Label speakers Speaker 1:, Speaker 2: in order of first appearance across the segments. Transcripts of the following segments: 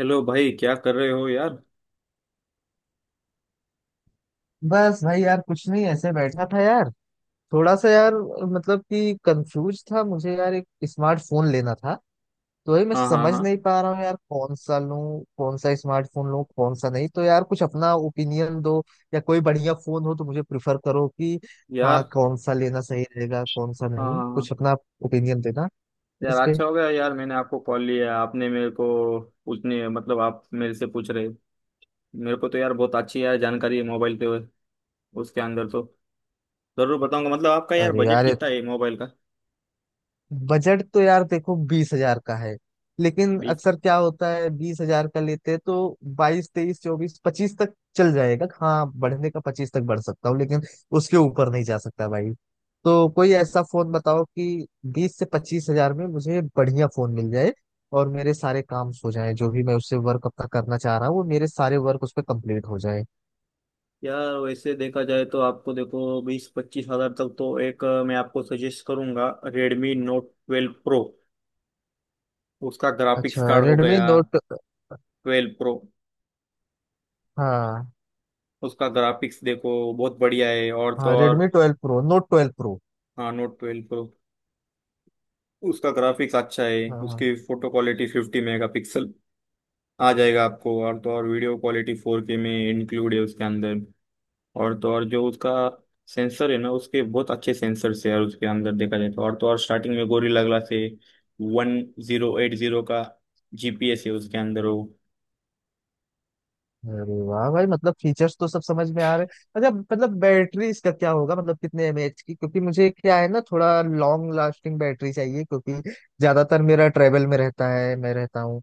Speaker 1: Hello भाई, क्या कर रहे हो यार।
Speaker 2: बस भाई यार कुछ नहीं, ऐसे बैठा था यार। थोड़ा सा यार, मतलब कि कंफ्यूज था मुझे यार, एक स्मार्टफोन लेना था। तो वही मैं
Speaker 1: हाँ हाँ
Speaker 2: समझ
Speaker 1: हाँ।
Speaker 2: नहीं पा रहा हूँ यार, कौन सा लूँ, कौन सा स्मार्टफोन लूँ, कौन सा नहीं। तो यार कुछ अपना ओपिनियन दो, या कोई बढ़िया फोन हो तो मुझे प्रिफर करो कि हाँ,
Speaker 1: यार
Speaker 2: कौन सा लेना सही रहेगा कौन सा
Speaker 1: हाँ
Speaker 2: नहीं,
Speaker 1: हाँ हाँ।
Speaker 2: कुछ अपना ओपिनियन देना
Speaker 1: यार
Speaker 2: इस पे।
Speaker 1: अच्छा हो गया यार, मैंने आपको कॉल लिया, आपने मेरे को पूछने, मतलब आप मेरे से पूछ रहे, मेरे को तो यार बहुत अच्छी यार जानकारी है मोबाइल के, उसके अंदर तो जरूर बताऊंगा। मतलब आपका यार
Speaker 2: अरे
Speaker 1: बजट
Speaker 2: यार,
Speaker 1: कितना है मोबाइल का।
Speaker 2: बजट तो यार देखो 20 हजार का है। लेकिन
Speaker 1: बीस,
Speaker 2: अक्सर क्या होता है, बीस हजार का लेते हैं तो 22, 23, 24, 25 तक चल जाएगा। हाँ, बढ़ने का 25 तक बढ़ सकता हूँ, लेकिन उसके ऊपर नहीं जा सकता भाई। तो कोई ऐसा फोन बताओ कि 20 से 25 हजार में मुझे बढ़िया फोन मिल जाए और मेरे सारे काम हो जाए। जो भी मैं उससे वर्क अपना करना चाह रहा हूँ वो मेरे सारे वर्क उस पर कंप्लीट हो जाए।
Speaker 1: यार वैसे देखा जाए तो आपको देखो बीस पच्चीस हजार तक तो एक मैं आपको सजेस्ट करूंगा रेडमी नोट ट्वेल्व प्रो। उसका ग्राफिक्स
Speaker 2: अच्छा,
Speaker 1: कार्ड हो
Speaker 2: रेडमी
Speaker 1: गया
Speaker 2: नोट।
Speaker 1: Twelve Pro.
Speaker 2: हाँ।
Speaker 1: उसका ग्राफिक्स देखो बहुत बढ़िया है, और
Speaker 2: हाँ,
Speaker 1: तो और।
Speaker 2: Redmi twelve Pro, Note twelve Pro.
Speaker 1: हाँ नोट ट्वेल्व प्रो। उसका ग्राफिक्स अच्छा है।
Speaker 2: हाँ।
Speaker 1: उसकी photo quality fifty megapixel आ जाएगा आपको, और तो और वीडियो क्वालिटी फोर के में इंक्लूड है उसके अंदर। और तो और जो उसका सेंसर है ना, उसके बहुत अच्छे सेंसर्स है यार उसके अंदर देखा जाए तो। और तो और स्टार्टिंग में गोरिल्ला ग्लास है वन जीरो एट जीरो का। जीपीएस है उसके अंदर वो।
Speaker 2: अरे वाह भाई, मतलब फीचर्स तो सब समझ में आ रहे हैं। अच्छा, मतलब बैटरी इसका क्या होगा, मतलब कितने mAh की, क्योंकि मुझे क्या है ना, थोड़ा लॉन्ग लास्टिंग बैटरी चाहिए, क्योंकि ज्यादातर मेरा ट्रेवल में रहता है, मैं रहता हूँ,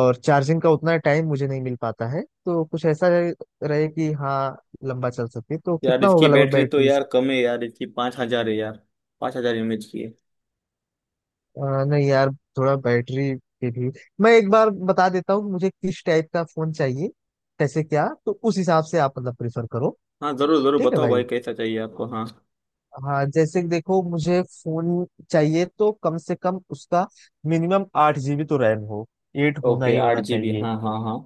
Speaker 2: और चार्जिंग का उतना टाइम मुझे नहीं मिल पाता है। तो कुछ ऐसा रहे कि हाँ लंबा चल सके। तो
Speaker 1: यार
Speaker 2: कितना
Speaker 1: इसकी
Speaker 2: होगा लगभग
Speaker 1: बैटरी तो
Speaker 2: बैटरी?
Speaker 1: यार कम है यार, इसकी पाँच हजार है यार, पाँच हजार एमएच की है।
Speaker 2: नहीं यार, थोड़ा बैटरी पे भी मैं एक बार बता देता हूँ मुझे किस टाइप का फोन चाहिए, कैसे क्या, तो उस हिसाब से आप मतलब प्रेफर करो।
Speaker 1: हाँ जरूर जरूर
Speaker 2: ठीक है
Speaker 1: बताओ
Speaker 2: भाई।
Speaker 1: भाई, कैसा चाहिए आपको। हाँ
Speaker 2: हाँ, जैसे कि देखो मुझे फोन चाहिए तो कम से कम उसका मिनिमम 8 जीबी तो रैम हो, एट होना
Speaker 1: ओके,
Speaker 2: ही
Speaker 1: आठ
Speaker 2: होना
Speaker 1: जी बी,
Speaker 2: चाहिए।
Speaker 1: हाँ हाँ हाँ।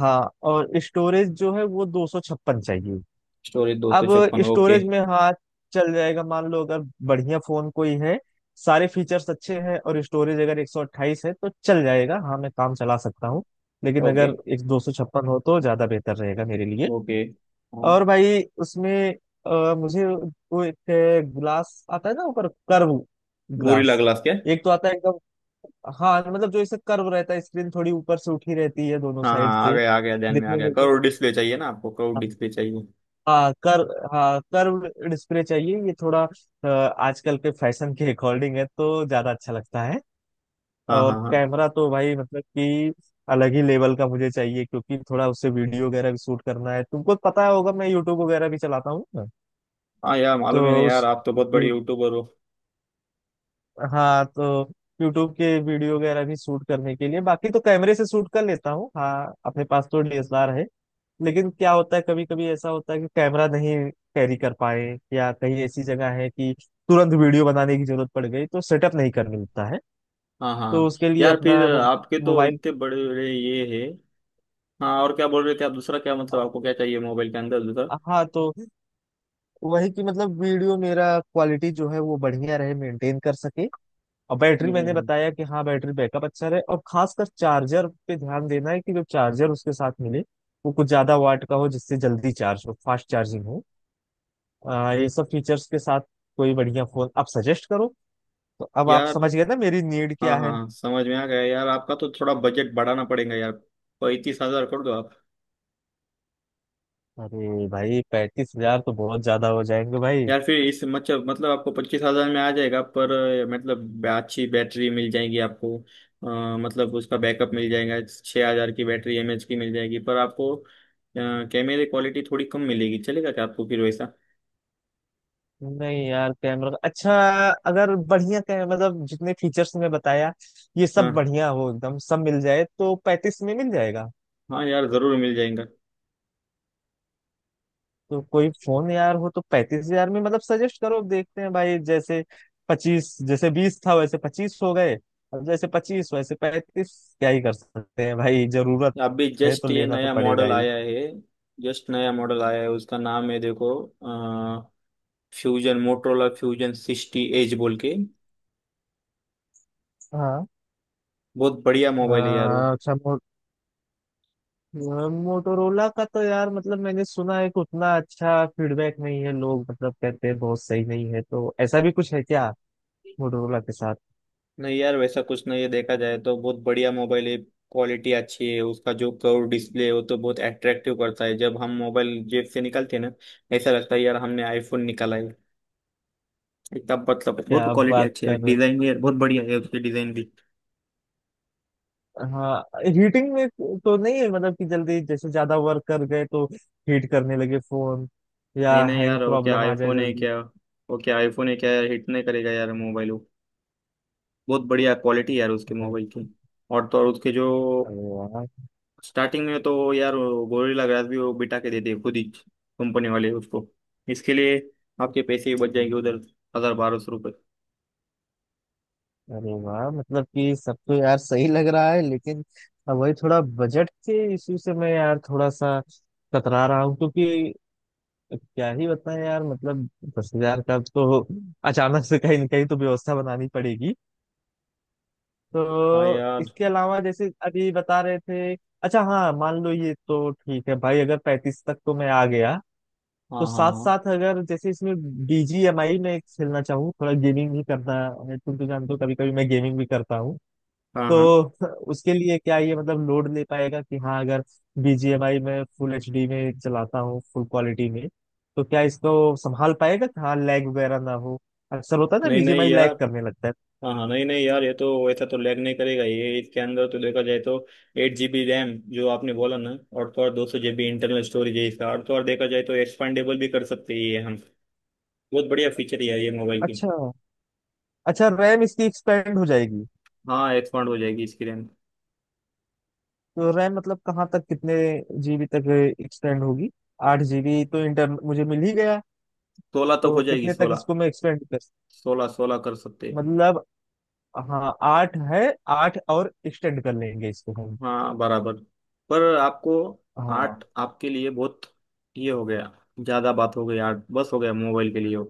Speaker 2: हाँ, और स्टोरेज जो है वो 256 चाहिए।
Speaker 1: स्टोरेज दो सौ
Speaker 2: अब
Speaker 1: छप्पन, ओके
Speaker 2: स्टोरेज में हाँ चल जाएगा, मान लो अगर बढ़िया फोन कोई है, सारे फीचर्स अच्छे हैं और स्टोरेज अगर 128 है तो चल जाएगा, हाँ मैं काम चला सकता हूँ। लेकिन
Speaker 1: ओके
Speaker 2: अगर एक 256 हो तो ज्यादा बेहतर रहेगा मेरे लिए।
Speaker 1: ओके।
Speaker 2: और
Speaker 1: हाँ,
Speaker 2: भाई उसमें मुझे वो एक ग्लास आता है ना, ऊपर कर्व
Speaker 1: गोरिल्ला
Speaker 2: ग्लास,
Speaker 1: ग्लास क्या।
Speaker 2: एक तो आता है एकदम। हाँ, मतलब जो इसे कर्व रहता है, स्क्रीन थोड़ी ऊपर से उठी रहती है दोनों
Speaker 1: हाँ
Speaker 2: साइड
Speaker 1: हाँ, आ
Speaker 2: से,
Speaker 1: गया आ गया, ध्यान में आ
Speaker 2: दिखने में
Speaker 1: गया।
Speaker 2: एकदम।
Speaker 1: करोड़ डिस्प्ले चाहिए ना आपको, करोड़ डिस्प्ले चाहिए।
Speaker 2: हाँ कर हाँ, कर्व डिस्प्ले चाहिए। ये थोड़ा आजकल के फैशन के अकॉर्डिंग है तो ज्यादा अच्छा लगता है।
Speaker 1: हाँ
Speaker 2: और
Speaker 1: हाँ हाँ।
Speaker 2: कैमरा तो भाई मतलब कि अलग ही लेवल का मुझे चाहिए, क्योंकि थोड़ा उससे वीडियो वगैरह भी शूट करना है, तुमको पता होगा मैं यूट्यूब वगैरह भी चलाता हूँ।
Speaker 1: हाँ यार, मालूम ही नहीं,
Speaker 2: तो
Speaker 1: यार
Speaker 2: उस
Speaker 1: आप तो बहुत बड़े
Speaker 2: यू-
Speaker 1: यूट्यूबर हो।
Speaker 2: हाँ, तो यूट्यूब के वीडियो वगैरह भी शूट करने के लिए, बाकी तो कैमरे से शूट कर लेता हूँ, हाँ अपने पास तो DSLR है। लेकिन क्या होता है, कभी कभी ऐसा होता है कि कैमरा नहीं कैरी कर पाए, या कहीं ऐसी जगह है कि तुरंत वीडियो बनाने की जरूरत पड़ गई तो सेटअप नहीं कर मिलता है।
Speaker 1: हाँ हाँ
Speaker 2: तो
Speaker 1: हाँ।
Speaker 2: उसके लिए
Speaker 1: यार फिर
Speaker 2: अपना
Speaker 1: आपके तो
Speaker 2: मोबाइल।
Speaker 1: इतने बड़े बड़े ये है। हाँ, और क्या बोल रहे थे आप, दूसरा क्या, मतलब आपको क्या चाहिए मोबाइल के अंदर दूसरा।
Speaker 2: हाँ, तो वही कि मतलब वीडियो मेरा क्वालिटी जो है वो बढ़िया रहे, मेंटेन कर सके। और
Speaker 1: हम्म
Speaker 2: बैटरी
Speaker 1: हम्म,
Speaker 2: मैंने
Speaker 1: हम्म।
Speaker 2: बताया कि हाँ, बैटरी बैकअप अच्छा रहे, और खासकर चार्जर पे ध्यान देना है कि जो चार्जर उसके साथ मिले वो कुछ ज्यादा वाट का हो, जिससे जल्दी चार्ज हो, फास्ट चार्जिंग हो। ये सब फीचर्स के साथ कोई बढ़िया फोन आप सजेस्ट करो। तो अब आप
Speaker 1: यार
Speaker 2: समझ गए ना मेरी नीड
Speaker 1: हाँ
Speaker 2: क्या है।
Speaker 1: हाँ, समझ में आ गया यार, आपका तो थोड़ा बजट बढ़ाना पड़ेगा यार, पैंतीस हजार कर दो आप।
Speaker 2: अरे भाई, 35 हजार तो बहुत ज्यादा हो जाएंगे भाई।
Speaker 1: यार फिर इस मतलब आपको पच्चीस हजार में आ जाएगा पर मतलब अच्छी बैटरी मिल जाएगी आपको मतलब उसका बैकअप मिल जाएगा। छः हजार की बैटरी एमएच की मिल जाएगी, पर आपको कैमरे क्वालिटी थोड़ी कम मिलेगी, चलेगा क्या आपको फिर वैसा।
Speaker 2: नहीं यार, कैमरा अच्छा, अगर बढ़िया कैमरा, मतलब जितने फीचर्स मैं बताया ये सब
Speaker 1: हाँ
Speaker 2: बढ़िया हो एकदम, सब मिल जाए तो 35 में मिल जाएगा?
Speaker 1: हाँ यार ज़रूर मिल जाएगा।
Speaker 2: तो कोई फोन यार हो तो 35 हजार में, मतलब सजेस्ट करो, देखते हैं भाई। जैसे 25, जैसे 20 था वैसे 25 हो गए, अब जैसे 25 वैसे 35। क्या ही कर सकते हैं भाई, जरूरत
Speaker 1: अभी
Speaker 2: है तो
Speaker 1: जस्ट ये
Speaker 2: लेना तो
Speaker 1: नया
Speaker 2: पड़ेगा
Speaker 1: मॉडल
Speaker 2: ही।
Speaker 1: आया है, जस्ट नया मॉडल आया है, उसका नाम है देखो Fusion, Motorola Fusion sixty Edge बोल के।
Speaker 2: हाँ।
Speaker 1: बहुत बढ़िया मोबाइल है यार वो।
Speaker 2: अच्छा, मोटोरोला का तो यार, मतलब मैंने सुना है कि उतना अच्छा फीडबैक नहीं है, लोग मतलब कहते हैं बहुत सही नहीं है, तो ऐसा भी कुछ है क्या मोटोरोला के साथ?
Speaker 1: नहीं यार वैसा कुछ नहीं है, देखा जाए तो बहुत बढ़िया मोबाइल है, क्वालिटी अच्छी है उसका। जो कर्व डिस्प्ले है वो तो बहुत अट्रैक्टिव करता है, जब हम मोबाइल जेब से निकालते हैं ना, ऐसा लगता है यार हमने आईफोन निकाला है। इतना मतलब
Speaker 2: क्या
Speaker 1: बहुत
Speaker 2: आप
Speaker 1: क्वालिटी
Speaker 2: बात
Speaker 1: अच्छी है,
Speaker 2: कर,
Speaker 1: डिजाइन भी यार बहुत बढ़िया है उसकी, डिजाइन भी।
Speaker 2: हाँ हीटिंग में तो नहीं है, मतलब कि जल्दी जैसे ज्यादा वर्क कर गए तो हीट करने लगे फोन, या
Speaker 1: नहीं नहीं
Speaker 2: हैंग
Speaker 1: यार, वो क्या
Speaker 2: प्रॉब्लम आ जाए
Speaker 1: आईफोन है
Speaker 2: जल्दी?
Speaker 1: क्या, वो क्या आईफोन है क्या यार, हिट नहीं करेगा यार मोबाइल वो। बहुत बढ़िया क्वालिटी यार उसके
Speaker 2: अरे
Speaker 1: मोबाइल की। और तो और उसके जो
Speaker 2: अरे वाह
Speaker 1: स्टार्टिंग में तो यार गोरिल्ला ग्लास भी वो बिठा के देते हैं खुद ही, कंपनी वाले उसको, इसके लिए आपके पैसे ही बच जाएंगे उधर, हजार बारह सौ रुपये।
Speaker 2: अरे वाह, मतलब कि सब तो यार सही लग रहा है, लेकिन अब वही थोड़ा बजट के इशू से मैं यार थोड़ा सा कतरा रहा हूँ, क्योंकि क्या ही बताएं यार, मतलब 10 हजार का तो अचानक से कहीं न कहीं तो व्यवस्था बनानी पड़ेगी।
Speaker 1: हाँ
Speaker 2: तो
Speaker 1: यार।
Speaker 2: इसके अलावा जैसे अभी बता रहे थे, अच्छा हाँ मान लो ये तो ठीक है भाई, अगर 35 तक तो मैं आ गया,
Speaker 1: हाँ
Speaker 2: तो
Speaker 1: हाँ
Speaker 2: साथ
Speaker 1: हाँ।
Speaker 2: साथ अगर जैसे इसमें BGMI में एक खेलना चाहूँ, थोड़ा गेमिंग भी करना है, तुम तो जानते हो कभी कभी मैं गेमिंग भी करता हूँ।
Speaker 1: हाँ हाँ
Speaker 2: तो उसके लिए क्या ये मतलब लोड ले पाएगा कि हाँ? अगर BGMI में फुल HD में चलाता हूँ, फुल क्वालिटी में, तो क्या इसको संभाल पाएगा कि हाँ, लैग वगैरह ना हो। अक्सर होता है ना,
Speaker 1: नहीं नहीं
Speaker 2: BGMI लैग
Speaker 1: यार,
Speaker 2: करने लगता है।
Speaker 1: हाँ हाँ नहीं नहीं यार, ये तो ऐसा तो लैग नहीं करेगा ये, इसके अंदर तो देखा जाए तो एट जी बी रैम जो आपने बोला ना, और तो और दो सौ जी बी इंटरनल स्टोरेज है इसका, और तो और देखा जाए तो एक्सपेंडेबल भी कर सकते हैं ये हम। बहुत बढ़िया फीचर है यार ये मोबाइल की।
Speaker 2: अच्छा। अच्छा, रैम इसकी एक्सपेंड हो जाएगी?
Speaker 1: हाँ एक्सपांड हो जाएगी इसकी रैम।
Speaker 2: तो रैम मतलब कहाँ तक, कितने जीबी तक एक्सपेंड होगी? आठ जीबी तो इंटर मुझे मिल ही गया,
Speaker 1: सोलह तक
Speaker 2: तो
Speaker 1: हो जाएगी
Speaker 2: कितने तक
Speaker 1: सोलह,
Speaker 2: इसको मैं एक्सपेंड कर,
Speaker 1: सोलह सोलह कर सकते।
Speaker 2: मतलब, हाँ 8 है, 8 और एक्सटेंड कर लेंगे इसको हम।
Speaker 1: हाँ बराबर, पर आपको
Speaker 2: हाँ।
Speaker 1: आर्ट आपके लिए बहुत, ये हो गया, ज्यादा बात हो गई, आर्ट बस हो गया मोबाइल के लिए हो।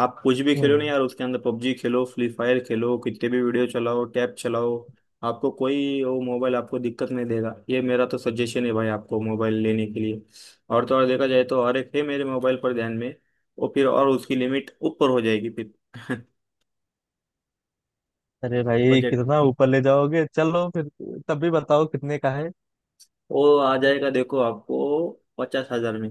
Speaker 1: आप कुछ भी खेलो ना
Speaker 2: हम्म।
Speaker 1: यार उसके अंदर, पबजी खेलो, फ्री फायर खेलो, कितने भी वीडियो चलाओ, टैब चलाओ, आपको कोई वो मोबाइल आपको दिक्कत नहीं देगा, ये मेरा तो सजेशन है भाई आपको मोबाइल लेने के लिए। और तो और देखा जाए तो हर एक है मेरे मोबाइल पर ध्यान में, वो फिर और उसकी लिमिट ऊपर हो जाएगी फिर।
Speaker 2: अरे भाई
Speaker 1: बजट,
Speaker 2: कितना ऊपर ले जाओगे, चलो फिर तब भी बताओ कितने का है।
Speaker 1: वो आ जाएगा देखो आपको पचास हजार में।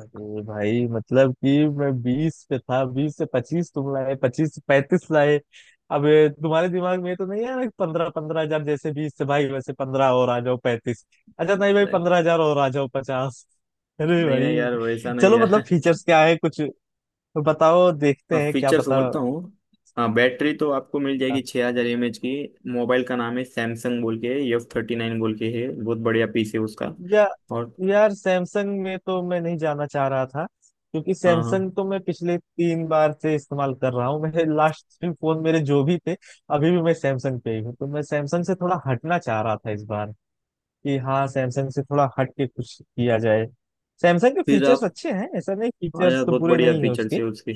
Speaker 2: अरे भाई, मतलब कि मैं 20 पे था, 20 से पच्चीस तुम लाए, 25 से 35 लाए, अब ये तुम्हारे दिमाग में ये तो नहीं है 15-15 हजार, जैसे बीस से भाई वैसे 15 और आ जाओ 35, अच्छा नहीं भाई 15 हजार और आ जाओ 50? अरे
Speaker 1: नहीं नहीं यार वैसा
Speaker 2: भाई
Speaker 1: नहीं
Speaker 2: चलो
Speaker 1: है।
Speaker 2: मतलब फीचर्स क्या है, कुछ बताओ, देखते
Speaker 1: हाँ
Speaker 2: हैं क्या
Speaker 1: फीचर्स
Speaker 2: पता।
Speaker 1: बोलता हूँ। हाँ बैटरी तो आपको मिल जाएगी 6000 हजार एम एच की, मोबाइल का नाम है सैमसंग बोल के एफ थर्टी नाइन बोल के, है बहुत बढ़िया पीस है उसका।
Speaker 2: या
Speaker 1: और
Speaker 2: यार, सैमसंग में तो मैं नहीं जाना चाह रहा था, क्योंकि
Speaker 1: हाँ हाँ,
Speaker 2: सैमसंग तो मैं पिछले 3 बार से इस्तेमाल कर रहा हूँ, मेरे लास्ट 3 फोन मेरे जो भी थे, अभी भी मैं सैमसंग पे ही हूँ, तो मैं सैमसंग से थोड़ा हटना चाह रहा था इस बार कि हाँ, सैमसंग से थोड़ा हट के कुछ किया जाए। सैमसंग के
Speaker 1: फिर
Speaker 2: फीचर्स
Speaker 1: आप,
Speaker 2: अच्छे हैं ऐसा नहीं,
Speaker 1: हाँ
Speaker 2: फीचर्स
Speaker 1: यार
Speaker 2: तो
Speaker 1: बहुत
Speaker 2: बुरे
Speaker 1: बढ़िया
Speaker 2: नहीं है
Speaker 1: फीचर्स
Speaker 2: उसके।
Speaker 1: है उसकी।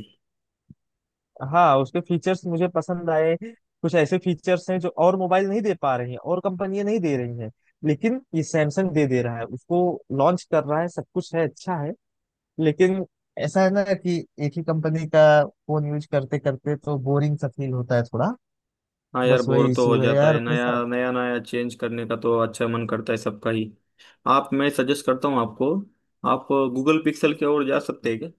Speaker 2: हाँ, उसके फीचर्स मुझे पसंद आए, कुछ ऐसे फीचर्स हैं जो और मोबाइल नहीं दे पा रही हैं और कंपनियां नहीं दे रही हैं, लेकिन ये सैमसंग दे दे रहा है उसको, लॉन्च कर रहा है, सब कुछ है, अच्छा है। लेकिन ऐसा है ना कि एक ही कंपनी का फोन यूज करते करते तो बोरिंग सा फील होता है थोड़ा।
Speaker 1: हाँ यार
Speaker 2: बस
Speaker 1: बोर
Speaker 2: वही
Speaker 1: तो हो
Speaker 2: इशू है
Speaker 1: जाता
Speaker 2: यार
Speaker 1: है,
Speaker 2: अपने
Speaker 1: नया
Speaker 2: साथ।
Speaker 1: नया नया चेंज करने का तो अच्छा मन करता है सबका ही। आप, मैं सजेस्ट करता हूँ आपको, आप गूगल पिक्सल की ओर जा सकते हैं क्या?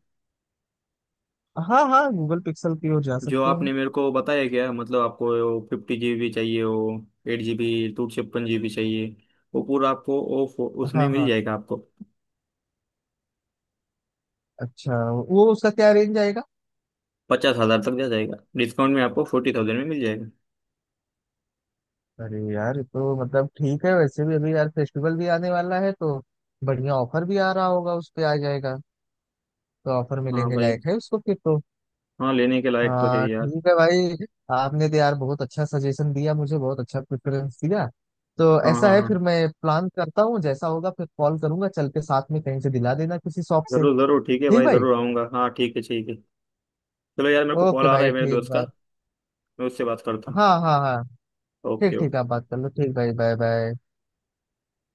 Speaker 2: हाँ हाँ, गूगल पिक्सल की ओर जा
Speaker 1: जो
Speaker 2: सकते हैं।
Speaker 1: आपने मेरे को बताया, क्या मतलब आपको फिफ्टी जीबी चाहिए हो, एट जीबी टू छप्पन जीबी चाहिए, वो पूरा आपको वो उसमें
Speaker 2: हाँ
Speaker 1: मिल
Speaker 2: हाँ।
Speaker 1: जाएगा आपको।
Speaker 2: अच्छा, वो उसका क्या रेंज आएगा?
Speaker 1: पचास हजार तक जा जाएगा, डिस्काउंट में आपको फोर्टी थाउजेंड में मिल जाएगा।
Speaker 2: अरे यार ये तो मतलब ठीक है, वैसे भी अभी यार फेस्टिवल भी आने वाला है तो बढ़िया ऑफर भी आ रहा होगा, उस पे आ जाएगा। तो ऑफर में
Speaker 1: हाँ
Speaker 2: लेने
Speaker 1: भाई,
Speaker 2: लायक है उसको फिर तो।
Speaker 1: हाँ लेने के लायक तो है
Speaker 2: हाँ
Speaker 1: यार।
Speaker 2: ठीक है भाई, आपने तो यार बहुत अच्छा सजेशन दिया मुझे, बहुत अच्छा प्रेफरेंस दिया। तो
Speaker 1: हाँ
Speaker 2: ऐसा
Speaker 1: हाँ
Speaker 2: है,
Speaker 1: हाँ
Speaker 2: फिर मैं प्लान करता हूँ, जैसा होगा फिर कॉल करूंगा, चल के साथ में कहीं से दिला देना किसी शॉप से।
Speaker 1: जरूर जरूर, ठीक है
Speaker 2: ठीक
Speaker 1: भाई,
Speaker 2: भाई।
Speaker 1: जरूर आऊँगा, हाँ ठीक है ठीक है। चलो यार, मेरे को कॉल
Speaker 2: ओके
Speaker 1: आ रहा
Speaker 2: भाई,
Speaker 1: है मेरे
Speaker 2: ठीक
Speaker 1: दोस्त का,
Speaker 2: भाई।
Speaker 1: मैं उससे बात करता हूँ।
Speaker 2: हाँ हाँ हाँ,
Speaker 1: ओके
Speaker 2: ठीक ठीक,
Speaker 1: ओके।
Speaker 2: आप बात कर लो, ठीक भाई, बाय बाय।